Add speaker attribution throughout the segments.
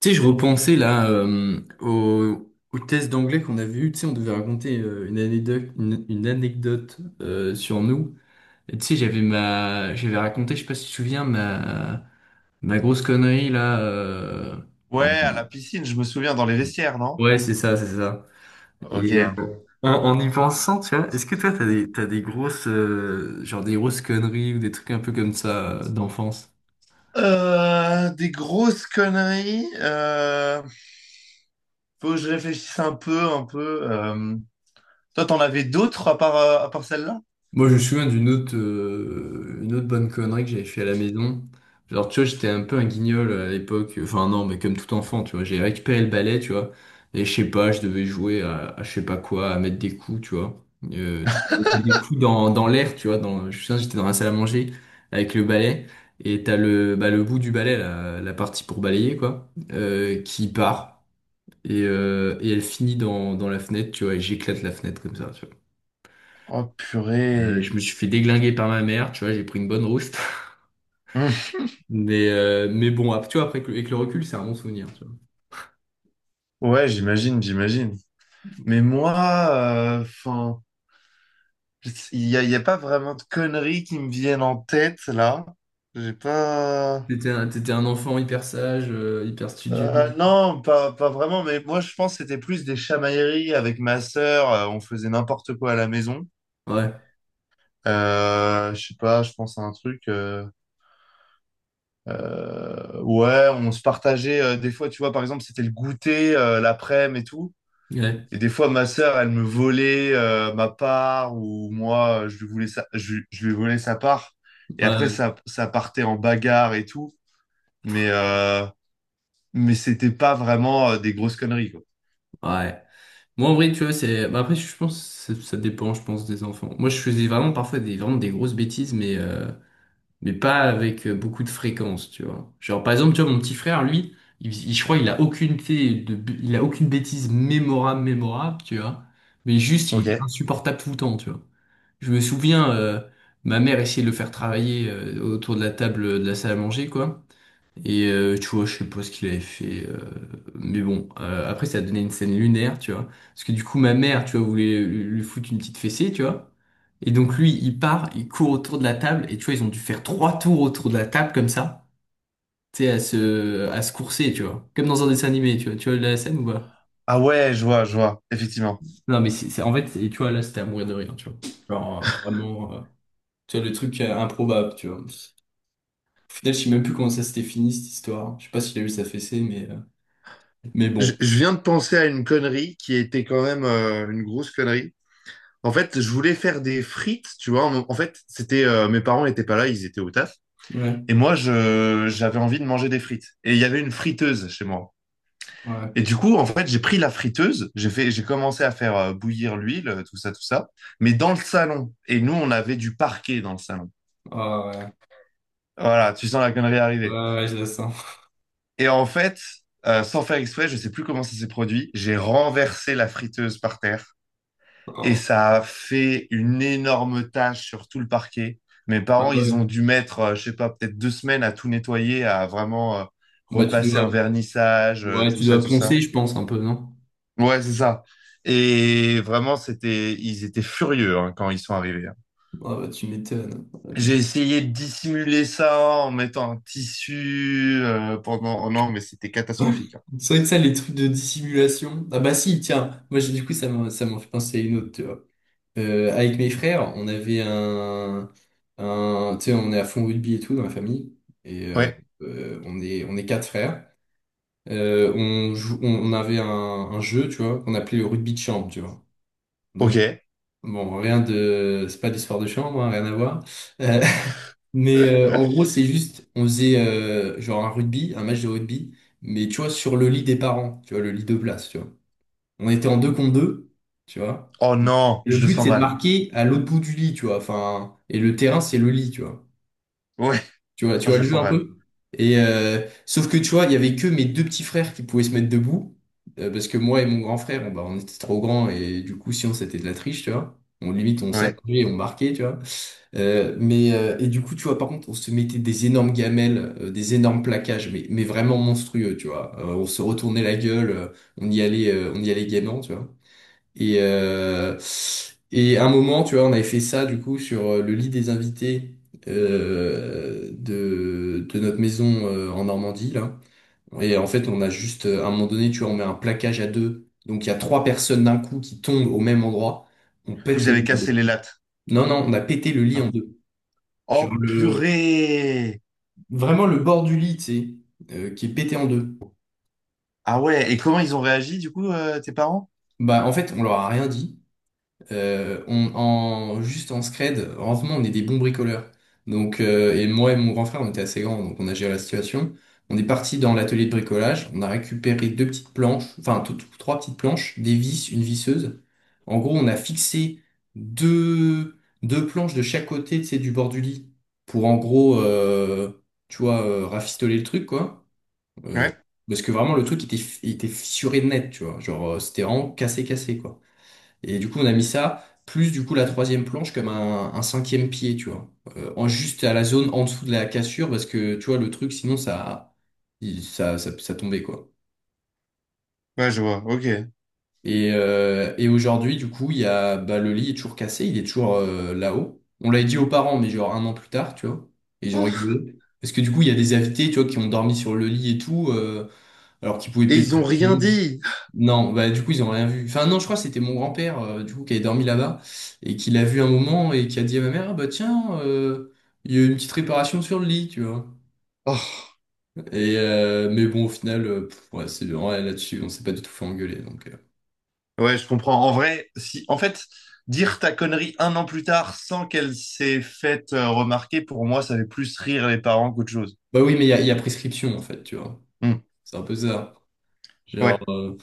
Speaker 1: Tu sais, je repensais là au test d'anglais qu'on avait eu. Tu sais, on devait raconter une anecdote, une anecdote sur nous. Et tu sais, j'avais raconté, je sais pas si tu te souviens, ma grosse connerie là.
Speaker 2: Ouais,
Speaker 1: En-
Speaker 2: à la piscine, je me souviens, dans les vestiaires, non?
Speaker 1: Ouais, c'est ça, c'est ça.
Speaker 2: Ok.
Speaker 1: Et en y pensant, tu vois, est-ce que toi, t'as des grosses, genre des grosses conneries ou des trucs un peu comme ça d'enfance?
Speaker 2: Des grosses conneries. Faut que je réfléchisse un peu. Toi, t'en avais d'autres à part celle-là?
Speaker 1: Moi, je me souviens d'une autre, une autre bonne connerie que j'avais fait à la maison. Genre, tu vois, j'étais un peu un guignol à l'époque. Enfin, non, mais comme tout enfant, tu vois. J'ai récupéré le balai, tu vois. Et je sais pas, je devais jouer à je sais pas quoi, à mettre des coups, tu vois. Tu mettais des coups dans l'air, tu vois. Je me souviens, j'étais dans la salle à manger avec le balai. Et t'as bah, le bout du balai, la partie pour balayer, quoi, qui part. Et elle finit dans la fenêtre, tu vois. Et j'éclate la fenêtre comme ça, tu vois.
Speaker 2: Oh,
Speaker 1: Je
Speaker 2: purée.
Speaker 1: me suis fait déglinguer par ma mère, tu vois, j'ai pris une bonne rouste.
Speaker 2: Hum.
Speaker 1: Mais bon, tu vois, après, avec le recul, c'est un bon souvenir, tu vois.
Speaker 2: Ouais, j'imagine, j'imagine. Mais moi, enfin, y a pas vraiment de conneries qui me viennent en tête, là. J'ai pas...
Speaker 1: T'étais un enfant hyper sage, hyper studieux.
Speaker 2: Non, pas vraiment, mais moi je pense que c'était plus des chamailleries avec ma sœur, on faisait n'importe quoi à la maison.
Speaker 1: Ouais,
Speaker 2: Je sais pas, je pense à un truc. Ouais, on se partageait des fois, tu vois, par exemple, c'était le goûter l'après-midi et tout.
Speaker 1: ouais,
Speaker 2: Et des fois, ma sœur, elle me volait ma part ou moi, je lui volais sa part. Et après,
Speaker 1: ouais,
Speaker 2: ça partait en bagarre et tout. Mais, euh, mais c'était pas vraiment des grosses conneries, quoi.
Speaker 1: ouais. Moi, en vrai, tu vois, c'est, bah, après, je pense que ça ça dépend, je pense, des enfants. Moi, je faisais vraiment parfois des, vraiment des grosses bêtises, mais pas avec beaucoup de fréquence, tu vois. Genre, par exemple, tu vois, mon petit frère, lui, je crois il a aucune bêtise mémorable, mémorable, tu vois. Mais juste, il était
Speaker 2: Ok.
Speaker 1: insupportable tout le temps, tu vois. Je me souviens, ma mère essayait de le faire travailler autour de la table de la salle à manger, quoi. Et tu vois, je sais pas ce qu'il avait fait. Mais bon, après, ça a donné une scène lunaire, tu vois. Parce que du coup, ma mère, tu vois, voulait lui foutre une petite fessée, tu vois. Et donc, lui, il part, il court autour de la table. Et tu vois, ils ont dû faire trois tours autour de la table, comme ça. Tu sais, à se courser, tu vois. Comme dans un dessin animé, tu vois. Tu vois la scène ou pas?
Speaker 2: Ah ouais, je vois, effectivement.
Speaker 1: Non, mais en fait, et tu vois, là, c'était à mourir de rire, tu vois. Genre, vraiment, tu vois, le truc improbable, tu vois. Au final, je sais même plus comment ça s'était fini, cette histoire. Je sais pas s'il a eu sa fessée, mais bon.
Speaker 2: Je viens de penser à une connerie qui était quand même une grosse connerie. En fait, je voulais faire des frites, tu vois. En fait, c'était mes parents n'étaient pas là, ils étaient au taf.
Speaker 1: Ouais.
Speaker 2: Et moi, j'avais envie de manger des frites. Et il y avait une friteuse chez moi.
Speaker 1: Ouais.
Speaker 2: Et du coup, en fait, j'ai pris la friteuse, j'ai commencé à faire bouillir l'huile, tout ça, mais dans le salon. Et nous, on avait du parquet dans le salon.
Speaker 1: Ah ouais.
Speaker 2: Voilà, tu sens la connerie
Speaker 1: Ouais,
Speaker 2: arriver.
Speaker 1: ouais, je la sens.
Speaker 2: Et en fait, sans faire exprès, je sais plus comment ça s'est produit, j'ai renversé la friteuse par terre et
Speaker 1: Oh,
Speaker 2: ça a fait une énorme tache sur tout le parquet. Mes
Speaker 1: bah
Speaker 2: parents, ils ont
Speaker 1: ouais.
Speaker 2: dû mettre, je sais pas, peut-être deux semaines à tout nettoyer, à vraiment
Speaker 1: Bah tu
Speaker 2: repasser un
Speaker 1: dois,
Speaker 2: vernissage,
Speaker 1: ouais,
Speaker 2: tout
Speaker 1: tu
Speaker 2: ça,
Speaker 1: dois
Speaker 2: tout ça.
Speaker 1: poncer, je pense, un peu, non?
Speaker 2: Ouais, c'est ça. Et vraiment, ils étaient furieux hein, quand ils sont arrivés, hein.
Speaker 1: Ah bah tu m'étonnes.
Speaker 2: J'ai essayé de dissimuler ça en mettant un tissu pendant. Oh non, mais c'était catastrophique, hein.
Speaker 1: C'est vrai que ça, les trucs de dissimulation. Ah bah si, tiens, du coup ça m'en fait penser à une autre, tu vois. Avec mes frères, on avait un tu sais, on est à fond rugby et tout dans la famille. Et euh,
Speaker 2: Ouais.
Speaker 1: on est quatre frères. On, jou- on avait un jeu, tu vois, qu'on appelait le rugby de chambre, tu vois.
Speaker 2: Ok.
Speaker 1: Donc. Bon, rien de, c'est pas d'histoire de chambre, hein, rien à voir. Euh, en gros, c'est juste, on faisait genre un rugby, un match de rugby, mais tu vois, sur le lit des parents, tu vois, le lit de place, tu vois. On était en deux contre deux, tu vois.
Speaker 2: Oh non,
Speaker 1: Le
Speaker 2: je le
Speaker 1: but,
Speaker 2: sens
Speaker 1: c'est de
Speaker 2: mal.
Speaker 1: marquer à l'autre bout du lit, tu vois. Enfin, et le terrain, c'est le lit, tu vois.
Speaker 2: Ouais,
Speaker 1: Tu vois, tu
Speaker 2: oh,
Speaker 1: vois
Speaker 2: je le
Speaker 1: le jeu
Speaker 2: sens
Speaker 1: un
Speaker 2: mal.
Speaker 1: peu? Sauf que tu vois, il y avait que mes deux petits frères qui pouvaient se mettre debout, parce que moi et mon grand frère, bah, on était trop grands et du coup, si on c'était de la triche, tu vois. On limite, on
Speaker 2: Ouais.
Speaker 1: s'allongeait et on marquait, tu vois. Et du coup, tu vois, par contre, on se mettait des énormes gamelles, des énormes plaquages, mais vraiment monstrueux, tu vois. On se retournait la gueule, on y allait gaiement, tu vois. Et, euh, et à un moment, tu vois, on avait fait ça du coup sur le lit des invités de notre maison en Normandie, là. Et en fait, on a juste, à un moment donné, tu vois, on met un plaquage à deux. Donc il y a trois personnes d'un coup qui tombent au même endroit. On pète
Speaker 2: Vous
Speaker 1: le
Speaker 2: avez
Speaker 1: lit en
Speaker 2: cassé
Speaker 1: deux.
Speaker 2: les lattes.
Speaker 1: Non, non, on a pété le lit
Speaker 2: Non.
Speaker 1: en deux. Genre
Speaker 2: Oh purée!
Speaker 1: vraiment le bord du lit, tu sais, qui est pété en deux.
Speaker 2: Ah ouais, et comment ils ont réagi du coup, tes parents?
Speaker 1: Bah, en fait, on leur a rien dit. Juste en scred, heureusement, on est des bons bricoleurs. Donc, et moi et mon grand frère, on était assez grands, donc on a géré la situation. On est parti dans l'atelier de bricolage, on a récupéré deux petites planches, enfin trois petites planches, des vis, une visseuse. En gros, on a fixé deux, deux planches de chaque côté, tu sais, du bord du lit, pour en gros, tu vois, rafistoler le truc, quoi. Euh,
Speaker 2: Ouais,
Speaker 1: Parce que vraiment, le truc était fissuré de net, tu vois. Genre, c'était vraiment cassé, cassé, quoi. Et du coup, on a mis ça, plus du coup la troisième planche comme un cinquième pied, tu vois. Juste à la zone en dessous de la cassure, parce que tu vois, le truc, sinon, ça, il- ça tombait, quoi.
Speaker 2: ouais, je vois, ok.
Speaker 1: Et aujourd'hui, du coup, bah, le lit est toujours cassé, il est toujours là-haut. On l'avait dit aux parents, mais genre un an plus tard, tu vois. Et ils ont
Speaker 2: Oh.
Speaker 1: rigolé. Parce que du coup, il y a des invités, tu vois, qui ont dormi sur le lit et tout, alors qu'ils pouvaient
Speaker 2: Et ils
Speaker 1: péter à
Speaker 2: ont
Speaker 1: tout le
Speaker 2: rien
Speaker 1: monde.
Speaker 2: dit.
Speaker 1: Non, bah du coup ils ont rien vu. Enfin non, je crois que c'était mon grand-père du coup qui avait dormi là-bas et qui l'a vu un moment et qui a dit à ma mère: Ah, bah tiens, il y a eu une petite réparation sur le lit, tu vois.
Speaker 2: Oh.
Speaker 1: Mais bon au final, pff, ouais, c'est ouais, là-dessus, on s'est pas du tout fait engueuler donc.
Speaker 2: Ouais, je comprends. En vrai, si, en fait, dire ta connerie un an plus tard sans qu'elle s'est faite remarquer, pour moi, ça fait plus rire les parents qu'autre chose.
Speaker 1: Bah oui, mais il y a prescription en fait, tu vois.
Speaker 2: Hmm,
Speaker 1: C'est un peu ça. Genre.
Speaker 2: ouais.
Speaker 1: euh,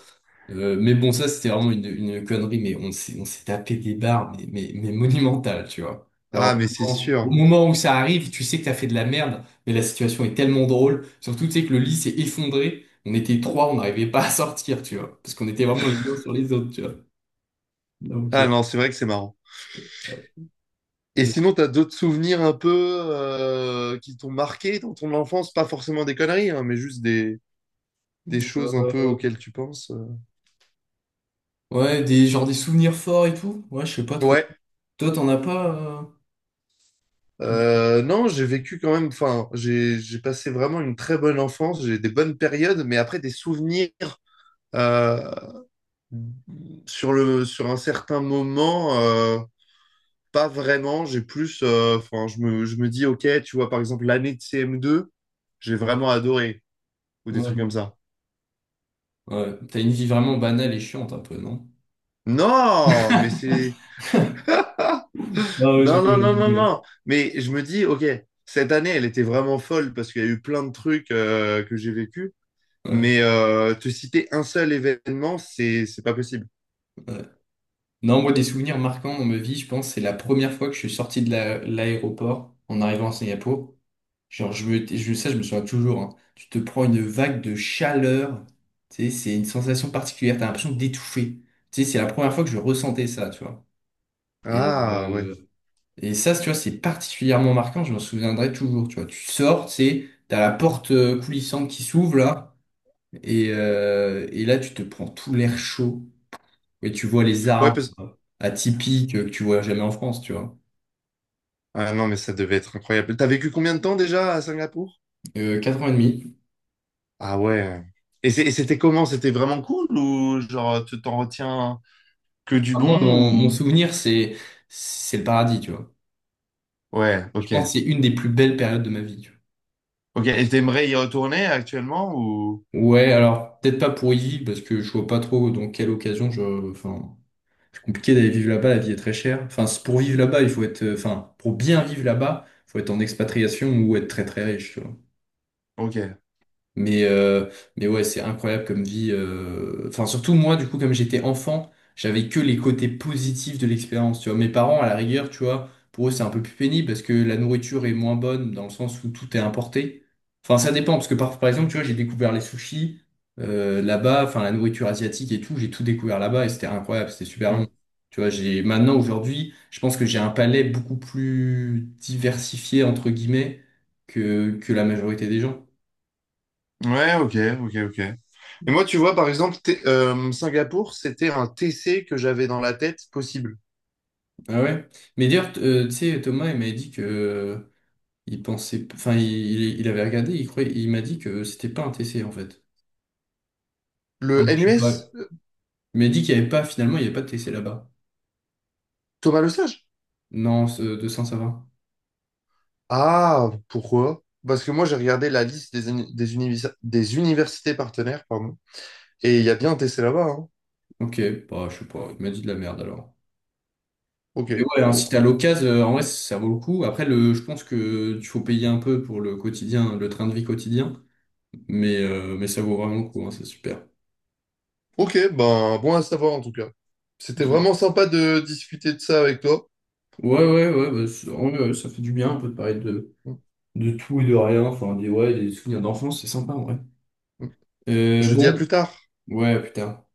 Speaker 1: Mais bon, ça, c'était vraiment une connerie, on s'est tapé des barres, mais monumentales, tu vois. Alors,
Speaker 2: Ah, mais c'est
Speaker 1: vraiment, au
Speaker 2: sûr.
Speaker 1: moment où ça arrive, tu sais que t'as fait de la merde, mais la situation est tellement drôle. Surtout, tu sais que le lit s'est effondré. On était trois, on n'arrivait pas à sortir, tu vois. Parce qu'on était vraiment les uns sur les autres, tu vois. Donc, euh,
Speaker 2: Ah non, c'est vrai que c'est marrant. Et sinon, t'as d'autres souvenirs un peu qui t'ont marqué dans ton enfance? Pas forcément des conneries, hein, mais juste des choses un peu
Speaker 1: euh,
Speaker 2: auxquelles tu penses.
Speaker 1: ouais, genre des souvenirs forts et tout. Ouais, je sais pas trop.
Speaker 2: Ouais.
Speaker 1: Toi, t'en as pas, euh,
Speaker 2: Non, j'ai vécu quand même. Enfin, j'ai passé vraiment une très bonne enfance. J'ai des bonnes périodes, mais après des souvenirs. euh, Sur le, sur un certain moment, pas vraiment. J'ai plus, enfin, je me dis, ok, tu vois, par exemple, l'année de CM2, j'ai vraiment adoré, ou des trucs
Speaker 1: ouais.
Speaker 2: comme ça.
Speaker 1: Ouais. T'as une vie vraiment banale et chiante un peu, non?
Speaker 2: Non, mais c'est, ah,
Speaker 1: Ah ouais, c'est
Speaker 2: non, non,
Speaker 1: bien, c'est
Speaker 2: non, non,
Speaker 1: bien.
Speaker 2: non. Mais je me dis, ok, cette année, elle était vraiment folle parce qu'il y a eu plein de trucs que j'ai vécu.
Speaker 1: Ouais.
Speaker 2: Mais te citer un seul événement, c'est pas possible.
Speaker 1: Ouais. Non, moi, des souvenirs marquants dans ma vie, je pense, c'est la première fois que je suis sorti l'aéroport en arrivant à Singapour. Genre, je me souviens toujours, hein. Tu te prends une vague de chaleur. Tu sais, c'est une sensation particulière. T'as l'impression d'étouffer. Tu sais, c'est la première fois que je ressentais ça, tu vois. Et,
Speaker 2: Ah ouais,
Speaker 1: euh, et ça, tu vois, c'est particulièrement marquant. Je m'en souviendrai toujours, tu vois. Tu sors, tu sais, t'as la porte coulissante qui s'ouvre, là. Et là, tu te prends tout l'air chaud. Et tu vois les
Speaker 2: ouais
Speaker 1: arbres
Speaker 2: parce,
Speaker 1: atypique que tu vois jamais en France, tu vois.
Speaker 2: ah non, mais ça devait être incroyable. T'as vécu combien de temps déjà à Singapour?
Speaker 1: 4 ans et demi.
Speaker 2: Ah ouais. Et c'était comment? C'était vraiment cool ou genre tu t'en retiens que du
Speaker 1: Ah, moi,
Speaker 2: bon
Speaker 1: mon
Speaker 2: ou...
Speaker 1: souvenir, c'est le paradis, tu vois.
Speaker 2: Ouais,
Speaker 1: Je
Speaker 2: ok.
Speaker 1: pense que c'est une des plus belles périodes de ma vie, tu
Speaker 2: Ok, et t'aimerais y retourner actuellement ou...
Speaker 1: vois. Ouais, alors peut-être pas pour y vivre parce que je vois pas trop dans quelle occasion je. Enfin, c'est compliqué d'aller vivre là-bas, la vie est très chère. Enfin, pour vivre là-bas, il faut être. Enfin, pour bien vivre là-bas, faut être en expatriation ou être très très riche, tu vois.
Speaker 2: Ok.
Speaker 1: Mais, euh, mais ouais, c'est incroyable comme vie. Enfin, surtout moi, du coup, comme j'étais enfant, j'avais que les côtés positifs de l'expérience. Tu vois, mes parents, à la rigueur, tu vois, pour eux, c'est un peu plus pénible parce que la nourriture est moins bonne dans le sens où tout est importé. Enfin, ça dépend parce que par exemple, tu vois, j'ai découvert les sushis là-bas, enfin la nourriture asiatique et tout, j'ai tout découvert là-bas et c'était incroyable, c'était super bon.
Speaker 2: Hmm.
Speaker 1: Tu vois, j'ai maintenant aujourd'hui, je pense que j'ai un palais beaucoup plus diversifié entre guillemets que la majorité des gens.
Speaker 2: Ouais, ok, ok, ok. Et moi, tu vois, par exemple, Singapour, c'était un TC que j'avais dans la tête possible.
Speaker 1: Ah ouais? Mais d'ailleurs, tu sais, Thomas, il m'avait dit que il pensait, enfin, il avait regardé, il croyait, il m'a dit que c'était pas un TC en fait.
Speaker 2: Le
Speaker 1: Donc, je sais pas.
Speaker 2: NUS,
Speaker 1: Il m'a dit qu'il y avait pas, finalement, il y avait pas de TC là-bas.
Speaker 2: Thomas Le Sage.
Speaker 1: Non, 200, ça va.
Speaker 2: Ah, pourquoi? Parce que moi, j'ai regardé la liste des universités partenaires, pardon, et il y a bien un TC là-bas, hein.
Speaker 1: Ok, bah, je sais pas, il m'a dit de la merde alors.
Speaker 2: Ok,
Speaker 1: Mais ouais, hein, si
Speaker 2: bon.
Speaker 1: t'as l'occasion, en vrai, ça vaut le coup. Après, je pense que il faut payer un peu pour le quotidien, le train de vie quotidien, mais ça vaut vraiment le coup, hein, c'est super.
Speaker 2: Ok, ben bon à savoir en tout cas. C'était vraiment sympa de discuter de ça avec toi.
Speaker 1: Ouais, ouais, ouais, bah, en vrai, ouais, ça fait du bien un peu de parler de tout et de rien. Enfin, ouais, des souvenirs d'enfance, c'est sympa, en vrai.
Speaker 2: Je dis à
Speaker 1: Bon,
Speaker 2: plus tard.
Speaker 1: ouais, putain.